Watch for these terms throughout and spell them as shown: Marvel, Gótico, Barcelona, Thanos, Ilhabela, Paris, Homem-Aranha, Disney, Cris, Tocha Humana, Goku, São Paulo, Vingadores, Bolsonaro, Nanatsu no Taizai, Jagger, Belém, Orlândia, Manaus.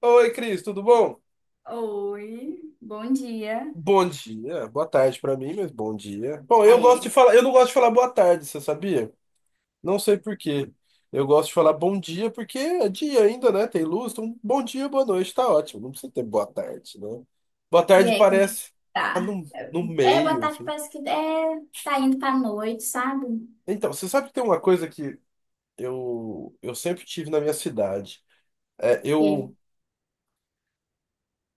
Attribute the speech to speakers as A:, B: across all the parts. A: Oi, Cris, tudo bom?
B: Oi, bom dia.
A: Bom dia, boa tarde pra mim, mas bom dia. Bom,
B: Ah, é.
A: eu não gosto de falar boa tarde, você sabia? Não sei por quê. Eu gosto de falar bom dia porque é dia ainda, né? Tem luz, então bom dia, boa noite, tá ótimo. Não precisa ter boa tarde, né? Boa
B: E
A: tarde
B: aí, como é que
A: parece tá
B: tá?
A: no, no
B: Boa
A: meio,
B: tarde,
A: assim.
B: parece que é, tá indo pra noite, sabe?
A: Então, você sabe que tem uma coisa que eu sempre tive na minha cidade. É,
B: Que
A: eu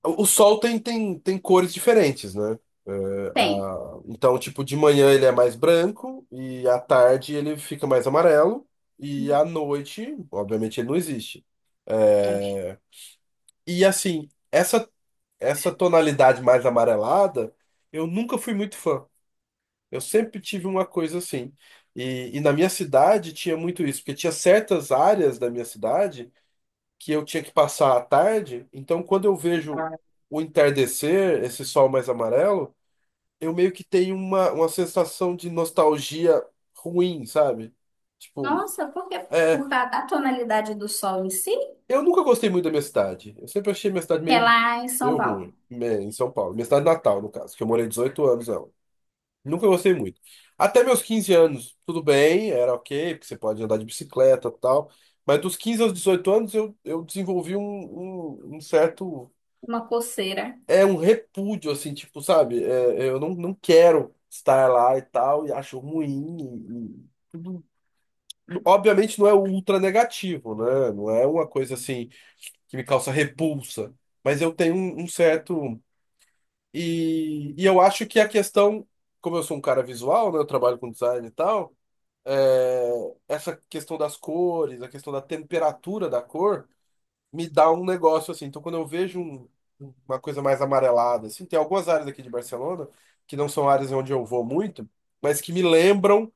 A: O sol tem cores diferentes, né? É,
B: tem.
A: então, tipo, de manhã ele é mais branco e à tarde ele fica mais amarelo e à noite, obviamente, ele não existe.
B: É.
A: É, E assim, essa tonalidade mais amarelada, eu nunca fui muito fã. Eu sempre tive uma coisa assim. E na minha cidade tinha muito isso, porque tinha certas áreas da minha cidade que eu tinha que passar à tarde. Então, quando eu vejo o entardecer, esse sol mais amarelo, eu meio que tenho uma sensação de nostalgia ruim, sabe? Tipo,
B: Nossa, por quê?
A: é,
B: Por causa da tonalidade do sol em si,
A: eu nunca gostei muito da minha cidade. Eu sempre achei minha cidade
B: que é
A: meio,
B: lá em São
A: meio
B: Paulo.
A: ruim, né, em São Paulo. Minha cidade natal, no caso, que eu morei 18 anos nela. Nunca gostei muito. Até meus 15 anos, tudo bem, era ok, porque você pode andar de bicicleta e tal. Mas dos 15 aos 18 anos, eu desenvolvi um certo
B: Uma coceira.
A: é um repúdio, assim, tipo, sabe? Eu não quero estar lá e tal, e acho ruim. Obviamente não é ultra negativo, né? Não é uma coisa assim que me causa repulsa, mas eu tenho um certo. E eu acho que a questão, como eu sou um cara visual, né? Eu trabalho com design e tal, é, essa questão das cores, a questão da temperatura da cor me dá um negócio assim. Então, quando eu vejo uma coisa mais amarelada, assim, tem algumas áreas aqui de Barcelona que não são áreas onde eu vou muito, mas que me lembram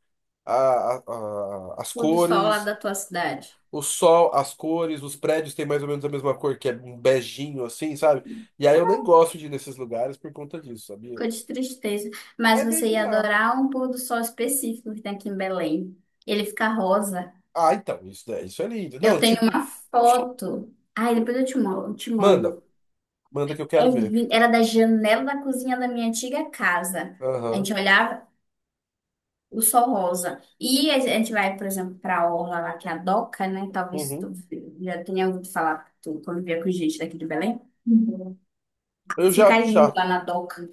A: as
B: Pôr do sol lá
A: cores,
B: da tua cidade.
A: o sol, as cores, os prédios têm mais ou menos a mesma cor, que é um beijinho assim, sabe? E aí eu nem gosto de ir nesses lugares por conta disso, sabia?
B: Ficou de tristeza. Mas
A: É meio
B: você ia
A: bizarro.
B: adorar um pôr do sol específico que tem aqui em Belém. Ele fica rosa.
A: Ah, então, isso é lindo.
B: Eu
A: Não,
B: tenho
A: tipo,
B: uma foto. Ai, depois eu te mando, te
A: manda,
B: mando.
A: manda que eu quero ver.
B: Era da janela da cozinha da minha antiga casa. A
A: Aham.
B: gente olhava o sol rosa. E a gente vai, por exemplo, para a orla lá, que é a Doca, né? Talvez
A: Uhum.
B: tu já tenha ouvido falar, tu convivia com gente daqui de Belém. Uhum.
A: Eu já,
B: Fica lindo
A: já
B: lá na Doca.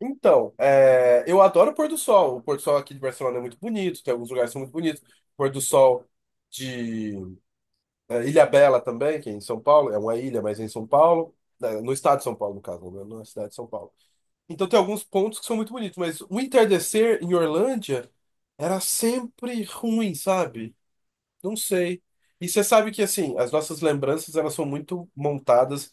A: Então, eu adoro o pôr do sol. O pôr do sol aqui de Barcelona é muito bonito, tem alguns lugares que são muito bonitos. O pôr do sol de Ilhabela também, que é em São Paulo, é uma ilha, mas é em São Paulo, né, no estado de São Paulo, no caso, né, na cidade de São Paulo. Então tem alguns pontos que são muito bonitos, mas o entardecer em Orlândia era sempre ruim, sabe? Não sei. E você sabe que, assim, as nossas lembranças, elas são muito montadas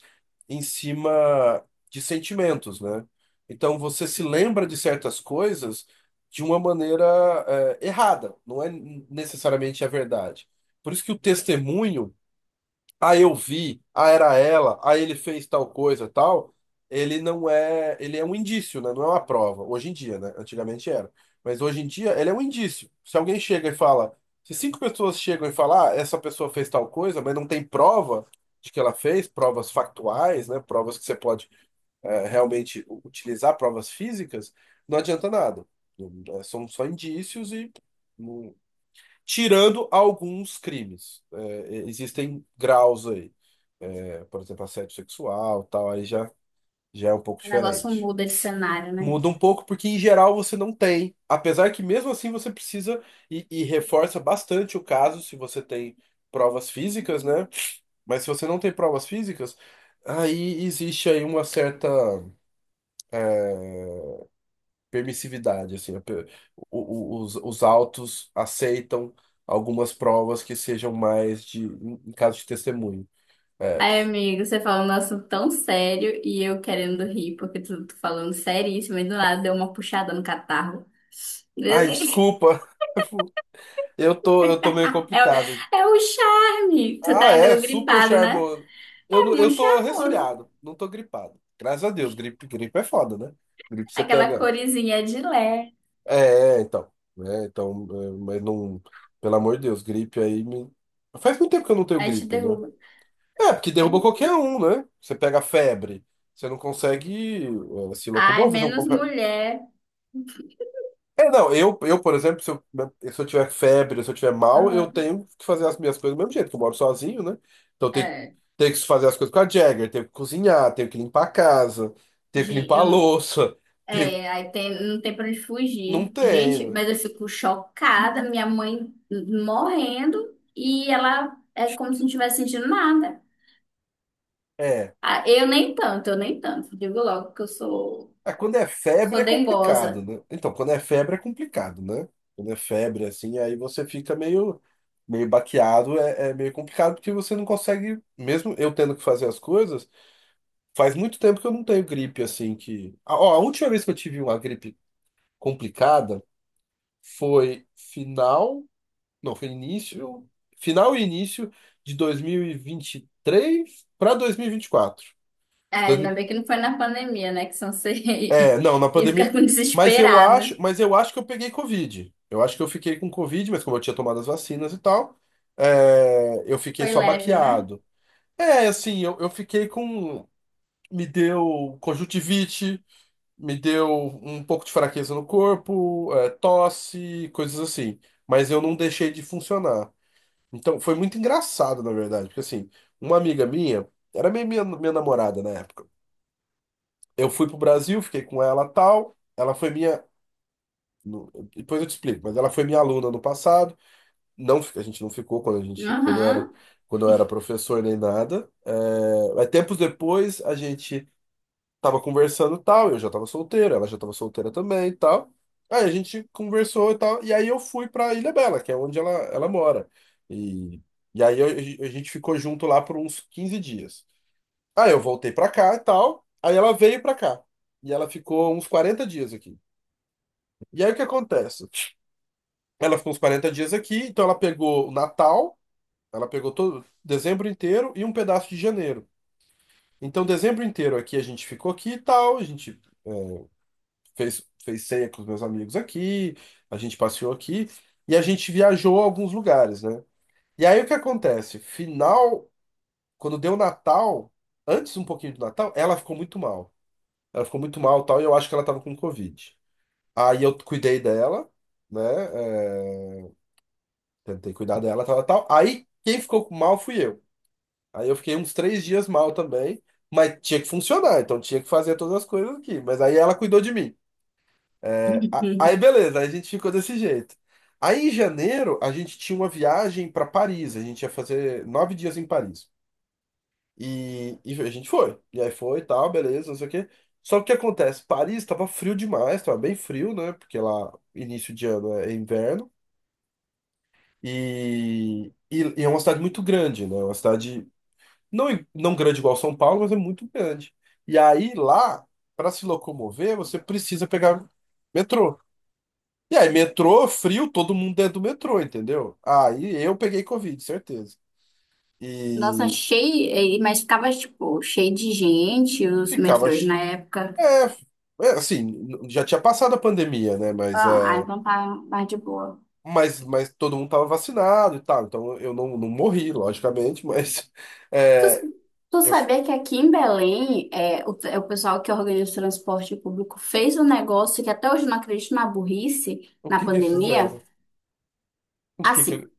A: em cima de sentimentos, né? Então, você se lembra de certas coisas de uma maneira, errada. Não é necessariamente a verdade. Por isso que o testemunho, ah, eu vi, ah, era ela, ah, ele fez tal coisa, tal, ele não é, ele é um indício, né? Não é uma prova. Hoje em dia, né? Antigamente era. Mas hoje em dia, ele é um indício. Se alguém chega e fala, se cinco pessoas chegam e falam, ah, essa pessoa fez tal coisa, mas não tem prova de que ela fez, provas factuais, né? Provas que você pode realmente utilizar, provas físicas, não adianta nada. São só indícios e não, tirando alguns crimes. Existem graus aí. Por exemplo, assédio sexual, tal, aí já é um pouco
B: O negócio
A: diferente.
B: muda de cenário, né?
A: Muda um pouco porque, em geral, você não tem. Apesar que, mesmo assim, você precisa e reforça bastante o caso se você tem provas físicas, né? Mas se você não tem provas físicas, aí existe aí uma certa. Permissividade, assim, a pe- o- os autos aceitam algumas provas que sejam mais de, em caso de testemunho. É.
B: Ai, amigo, você falou um assunto tão sério e eu querendo rir, porque tu falando seríssimo e do nada deu uma puxada no catarro.
A: Ai, desculpa, eu tô meio
B: É, o-
A: complicado.
B: é o charme. Você
A: Ah,
B: tá
A: é,
B: ainda
A: super
B: gripado, né?
A: charmoso.
B: É
A: Eu
B: muito
A: tô
B: charmoso.
A: resfriado, não tô gripado. Graças a Deus, gripe é foda, né? Gripe você
B: Aquela
A: pega.
B: corizinha de lé.
A: Então. Então, mas não. Pelo amor de Deus, gripe aí me. Faz muito tempo que eu não tenho
B: Aí te
A: gripe, né?
B: derruba.
A: É, porque derruba qualquer um, né? Você pega febre, você não consegue se
B: Ai,
A: locomover, você não
B: menos
A: compra...
B: mulher.
A: É, não, eu, por exemplo, se eu, tiver febre, se eu tiver mal, eu
B: Aham.
A: tenho que fazer as minhas coisas do mesmo jeito, que eu moro sozinho, né? Então eu tenho,
B: É,
A: tenho que fazer as coisas com a Jagger, tenho que cozinhar, tenho que limpar a casa, tenho que
B: gen-
A: limpar a
B: eu,
A: louça, tenho...
B: aí tem, não tem pra onde
A: Não
B: fugir.
A: tem,
B: Gente,
A: né?
B: mas eu fico chocada. Minha mãe morrendo e ela é como se não tivesse sentindo nada.
A: É.
B: Ah, eu nem tanto. Digo logo que
A: Ah, quando é febre
B: sou
A: é complicado,
B: dengosa.
A: né? Então, quando é febre é complicado, né? Quando é febre, assim, aí você fica meio baqueado, meio complicado porque você não consegue, mesmo eu tendo que fazer as coisas, faz muito tempo que eu não tenho gripe, assim, que... Ah, ó, a última vez que eu tive uma gripe complicada foi final, não, foi início, final e início de dois mil e vinte e três para dois mil e vinte e quatro.
B: É, ainda bem que não foi na pandemia, né? Que senão você
A: É, não, na
B: ia ficar
A: pandemia.
B: com
A: Mas eu
B: desesperada.
A: acho, mas eu acho que eu peguei Covid. Eu acho que eu fiquei com Covid, mas como eu tinha tomado as vacinas e tal, eu fiquei
B: Foi
A: só
B: leve, né?
A: baqueado. É, assim, eu fiquei com. Me deu conjuntivite, me deu um pouco de fraqueza no corpo, tosse, coisas assim. Mas eu não deixei de funcionar. Então, foi muito engraçado, na verdade, porque assim, uma amiga minha, era minha namorada na época. Eu fui pro Brasil, fiquei com ela tal. Ela foi minha. Depois eu te explico, mas ela foi minha aluna no passado. Não, a gente não ficou quando eu
B: Aham.
A: era, quando eu era professor nem nada. Mas tempos depois a gente tava conversando e tal, eu já tava solteiro, ela já tava solteira também e tal. Aí a gente conversou e tal, e aí eu fui pra Ilha Bela, que é onde ela mora. E, e aí eu- a gente ficou junto lá por uns 15 dias. Aí eu voltei pra cá e tal, aí ela veio pra cá. E ela ficou uns 40 dias aqui. E aí o que acontece? Ela ficou uns 40 dias aqui, então ela pegou o Natal, ela pegou todo dezembro inteiro e um pedaço de janeiro. Então, dezembro inteiro aqui a gente ficou aqui e tal, a gente é, fez ceia com os meus amigos aqui, a gente passeou aqui e a gente viajou a alguns lugares, né? E aí o que acontece? Final, quando deu Natal, antes um pouquinho do Natal, ela ficou muito mal. Ela ficou muito mal, tal, e eu acho que ela tava com Covid. Aí eu cuidei dela, né? Tentei cuidar dela, tal, tal, tal. Aí quem ficou com mal fui eu. Aí eu fiquei uns 3 dias mal também, mas tinha que funcionar, então tinha que fazer todas as coisas aqui. Mas aí ela cuidou de mim. Aí
B: Uhum.
A: beleza, aí a gente ficou desse jeito. Aí em janeiro a gente tinha uma viagem para Paris, a gente ia fazer 9 dias em Paris. E a gente foi. E aí foi, e tal, beleza, não sei o quê. Só que o que acontece? Paris tava frio demais, tava bem frio, né? Porque lá, início de ano é inverno. E é uma cidade muito grande, né? É uma cidade não, não grande igual São Paulo, mas é muito grande. E aí lá, para se locomover, você precisa pegar metrô. E aí, metrô, frio, todo mundo dentro do metrô, entendeu? Aí eu peguei Covid, certeza.
B: Nossa,
A: E
B: cheio, mas ficava, tipo, cheio de gente, os
A: ficava.
B: metrôs na época.
A: É, assim, já tinha passado a pandemia, né? Mas,
B: Ah,
A: é,
B: então tá mais de boa.
A: mas, mas todo mundo tava vacinado e tal. Então eu não morri, logicamente, mas
B: Tu,
A: é,
B: tu
A: eu, fi-
B: sabia que aqui em Belém, é, o, é o pessoal que organiza o transporte público fez um negócio que até hoje eu não acredito na burrice,
A: o
B: na
A: que que
B: pandemia.
A: fizeram? O que que
B: Assim,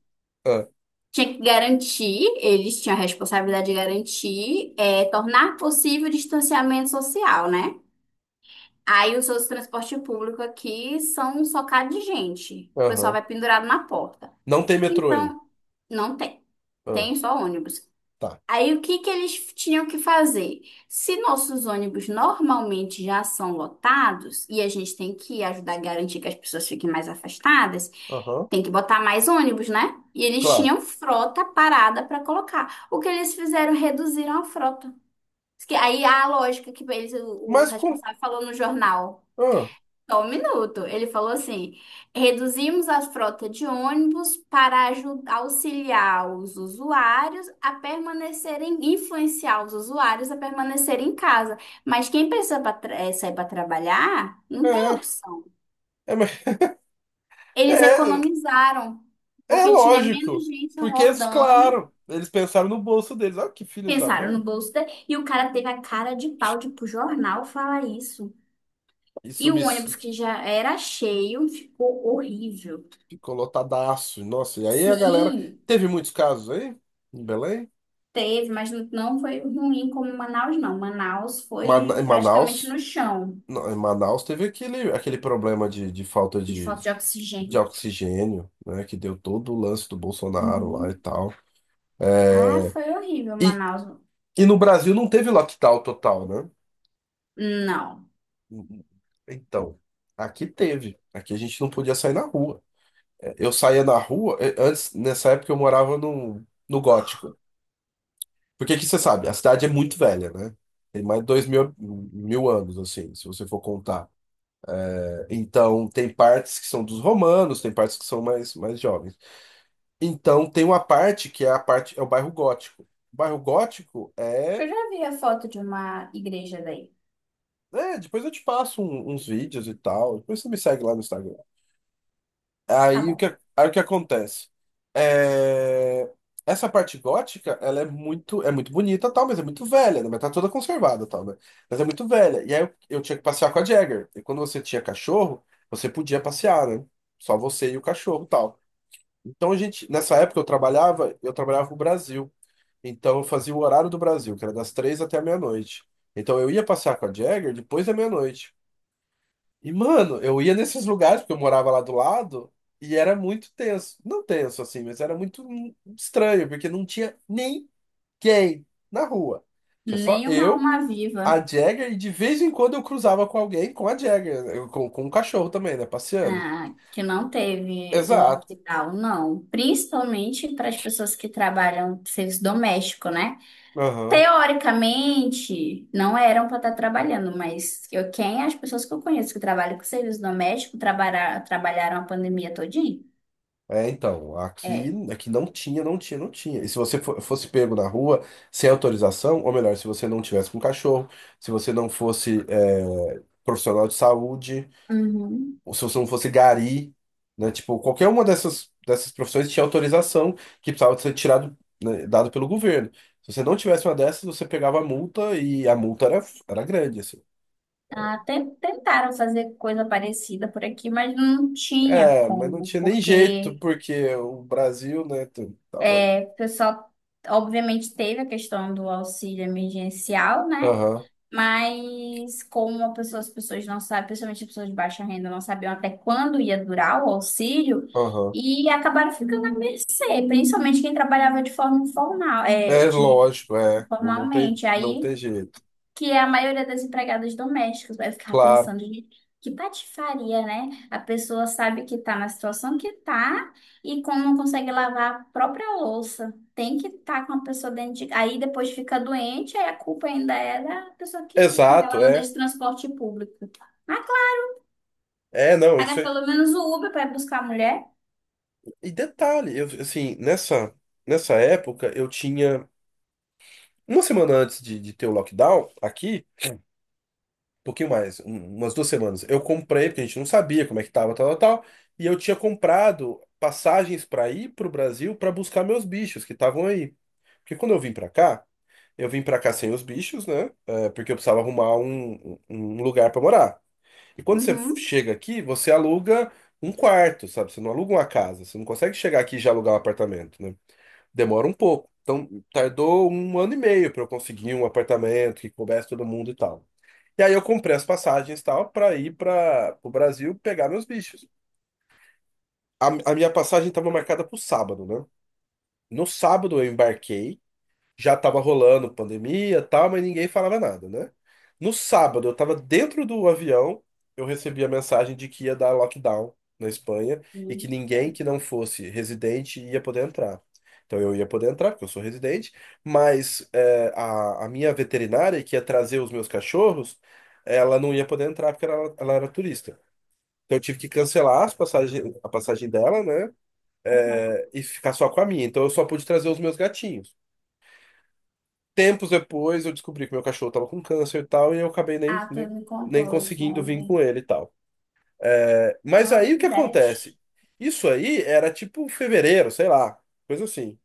A: Ah,
B: tinha que garantir, eles tinham a responsabilidade de garantir, é, tornar possível o distanciamento social, né? Aí os seus transporte público aqui são socados de gente. O pessoal
A: aham.
B: vai pendurado na porta.
A: Não tem metrô aí.
B: Então, não tem.
A: Ah,
B: Tem só ônibus.
A: tá.
B: Aí o que que eles tinham que fazer? Se nossos ônibus normalmente já são lotados e a gente tem que ajudar a garantir que as pessoas fiquem mais afastadas,
A: Aham,
B: tem que botar mais ônibus, né? E eles
A: claro.
B: tinham frota parada para colocar. O que eles fizeram? Reduziram a frota. Diz que aí a lógica que eles, o
A: Mas com.
B: responsável falou no jornal.
A: Ah,
B: Só um minuto. Ele falou assim: reduzimos a frota de ônibus para auxiliar os usuários a permanecerem, influenciar os usuários a permanecerem em casa. Mas quem precisa sair para trabalhar, não tem
A: é,
B: opção.
A: é, mas-
B: Eles
A: é,
B: economizaram,
A: é
B: porque tinha menos
A: lógico.
B: gente
A: Porque, eles,
B: rodando.
A: claro, eles pensaram no bolso deles. Olha que filhos da
B: Pensaram
A: mãe.
B: no bolso dele, e o cara teve a cara de pau de ir pro jornal falar isso. E
A: Isso me
B: o
A: s-
B: ônibus que já era cheio ficou horrível.
A: Ficou lotadaço. Nossa, e aí a galera.
B: Sim.
A: Teve muitos casos aí em Belém.
B: Teve, mas não foi ruim como Manaus, não. Manaus foi
A: Em
B: praticamente
A: Manaus.
B: no chão,
A: Não, em Manaus teve aquele problema de falta
B: de
A: de,
B: falta de
A: de
B: oxigênio.
A: oxigênio, né? Que deu todo o lance do Bolsonaro lá e
B: Uhum.
A: tal.
B: Ah,
A: É,
B: foi horrível,
A: e,
B: Manaus.
A: E no Brasil não teve lockdown total, né?
B: Não.
A: Então, aqui teve. Aqui a gente não podia sair na rua. Eu saía na rua, antes, nessa época eu morava no Gótico. Porque aqui você sabe, a cidade é muito velha, né? Tem mais de mil anos, assim, se você for contar. Então, tem partes que são dos romanos, tem partes que são mais jovens. Então, tem uma parte que é a parte, é o bairro Gótico. O bairro Gótico
B: Eu
A: é.
B: já vi a foto de uma igreja daí.
A: Depois eu te passo uns vídeos e tal. Depois você me segue lá no Instagram.
B: Tá
A: Aí o que,
B: bom.
A: aí o que acontece? É, Essa parte gótica, ela é muito bonita, tal, mas é muito velha, né? Mas tá toda conservada, tal, né? Mas é muito velha. E aí eu tinha que passear com a Jagger. E quando você tinha cachorro, você podia passear, né? Só você e o cachorro, tal. Então a gente, nessa época eu trabalhava no Brasil. Então eu fazia o horário do Brasil, que era das 3 até a meia-noite. Então eu ia passear com a Jagger depois da meia-noite. E, mano, eu ia nesses lugares, porque eu morava lá do lado, e era muito tenso. Não tenso, assim, mas era muito estranho, porque não tinha ninguém na rua. Tinha só
B: Nenhuma
A: eu,
B: alma
A: a
B: viva,
A: Jagger, e de vez em quando eu cruzava com alguém com a Jagger, com um cachorro também, né? Passeando.
B: ah, que não teve
A: Exato.
B: lockdown, não. Principalmente para as pessoas que trabalham serviço doméstico, né?
A: Aham.
B: Teoricamente, não eram para estar trabalhando, mas quem as pessoas que eu conheço que trabalham com serviço doméstico trabalha, trabalharam a pandemia todinha?
A: Então, aqui,
B: É.
A: aqui não tinha, não tinha. E se você fosse pego na rua sem autorização, ou melhor, se você não tivesse com cachorro, se você não fosse, profissional de saúde,
B: Uhum.
A: ou se você não fosse gari, né? Tipo, qualquer uma dessas profissões tinha autorização que precisava ser tirado, né, dado pelo governo. Se você não tivesse uma dessas, você pegava a multa e a multa era grande, assim.
B: Até tentaram fazer coisa parecida por aqui, mas não tinha
A: É, mas não
B: como,
A: tinha nem jeito,
B: porque
A: porque o Brasil, né, tava...
B: é, o pessoal obviamente teve a questão do auxílio emergencial, né?
A: Aham,
B: Mas como as pessoas não sabem, principalmente as pessoas de baixa renda, não sabiam até quando ia durar o auxílio
A: aham.
B: e acabaram ficando à mercê, principalmente quem trabalhava de forma informal,
A: É lógico, é. Não, não tem,
B: informalmente.
A: não
B: Aí
A: tem jeito.
B: que é a maioria das empregadas domésticas. Vai ficar
A: Claro.
B: pensando, gente, que patifaria, né? A pessoa sabe que tá na situação que tá e como não consegue lavar a própria louça. Tem que estar com a pessoa dentro de… Aí depois fica doente, aí a culpa ainda é da pessoa que… Porque ela
A: Exato,
B: anda
A: é.
B: de transporte público. Ah, claro,
A: É, não, isso
B: paga
A: é...
B: pelo menos o Uber para buscar a mulher.
A: E detalhe, eu, assim, nessa época, eu tinha... Uma semana antes de ter o lockdown, aqui, pouquinho mais, umas 2 semanas. Eu comprei, porque a gente não sabia como é que tava, tal, tal, tal. E eu tinha comprado passagens para ir pro Brasil para buscar meus bichos que estavam aí. Porque quando eu vim para cá, eu vim para cá sem os bichos, né? É, porque eu precisava arrumar um, um lugar para morar. E quando você
B: Uhum.
A: chega aqui, você aluga um quarto, sabe? Você não aluga uma casa. Você não consegue chegar aqui e já alugar um apartamento, né? Demora um pouco. Então, tardou 1 ano e meio para eu conseguir um apartamento que coubesse todo mundo e tal. E aí eu comprei as passagens e tal para ir para o Brasil pegar meus bichos. A, a minha passagem estava marcada para o sábado, né? No sábado eu embarquei já tava rolando pandemia, e tal, mas ninguém falava nada, né? No sábado, eu tava dentro do avião, eu recebi a mensagem de que ia dar lockdown na Espanha e que
B: Sim.
A: ninguém que não fosse residente ia poder entrar. Então eu ia poder entrar, porque eu sou residente, mas é, a minha veterinária que ia trazer os meus cachorros, ela não ia poder entrar porque ela era turista. Então eu tive que cancelar a passagem dela, né?
B: Uhum.
A: E ficar só com a minha. Então eu só pude trazer os meus gatinhos. Tempos depois eu descobri que meu cachorro tava com câncer e tal, e eu acabei nem,
B: Ah, tu
A: nem,
B: me
A: nem
B: contou isso
A: conseguindo vir com
B: ontem.
A: ele e tal. Mas
B: Não,
A: aí o
B: que
A: que
B: bad.
A: acontece? Isso aí era tipo fevereiro, sei lá, coisa assim.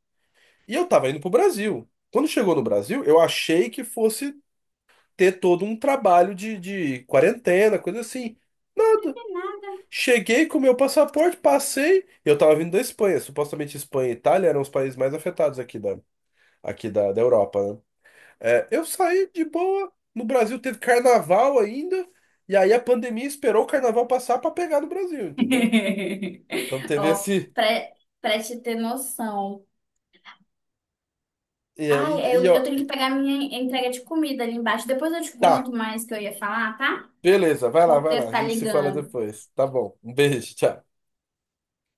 A: E eu tava indo pro Brasil. Quando chegou no Brasil, eu achei que fosse ter todo um trabalho de quarentena, coisa assim.
B: Não
A: Nada.
B: tem nada.
A: Cheguei com meu passaporte, passei. Eu tava vindo da Espanha. Supostamente Espanha e Itália eram os países mais afetados aqui da, da Europa, né? Eu saí de boa. No Brasil teve carnaval ainda. E aí a pandemia esperou o carnaval passar pra pegar no Brasil, entendeu? Então teve
B: Ó,
A: esse.
B: pra, pra te ter noção.
A: E,
B: Ai, é,
A: ó,
B: eu tenho que pegar minha entrega de comida ali embaixo. Depois eu te
A: tá,
B: conto mais o que eu ia falar, tá?
A: beleza,
B: O
A: vai lá, vai
B: porteiro
A: lá. A
B: tá
A: gente se fala
B: ligando.
A: depois. Tá bom. Um beijo, tchau.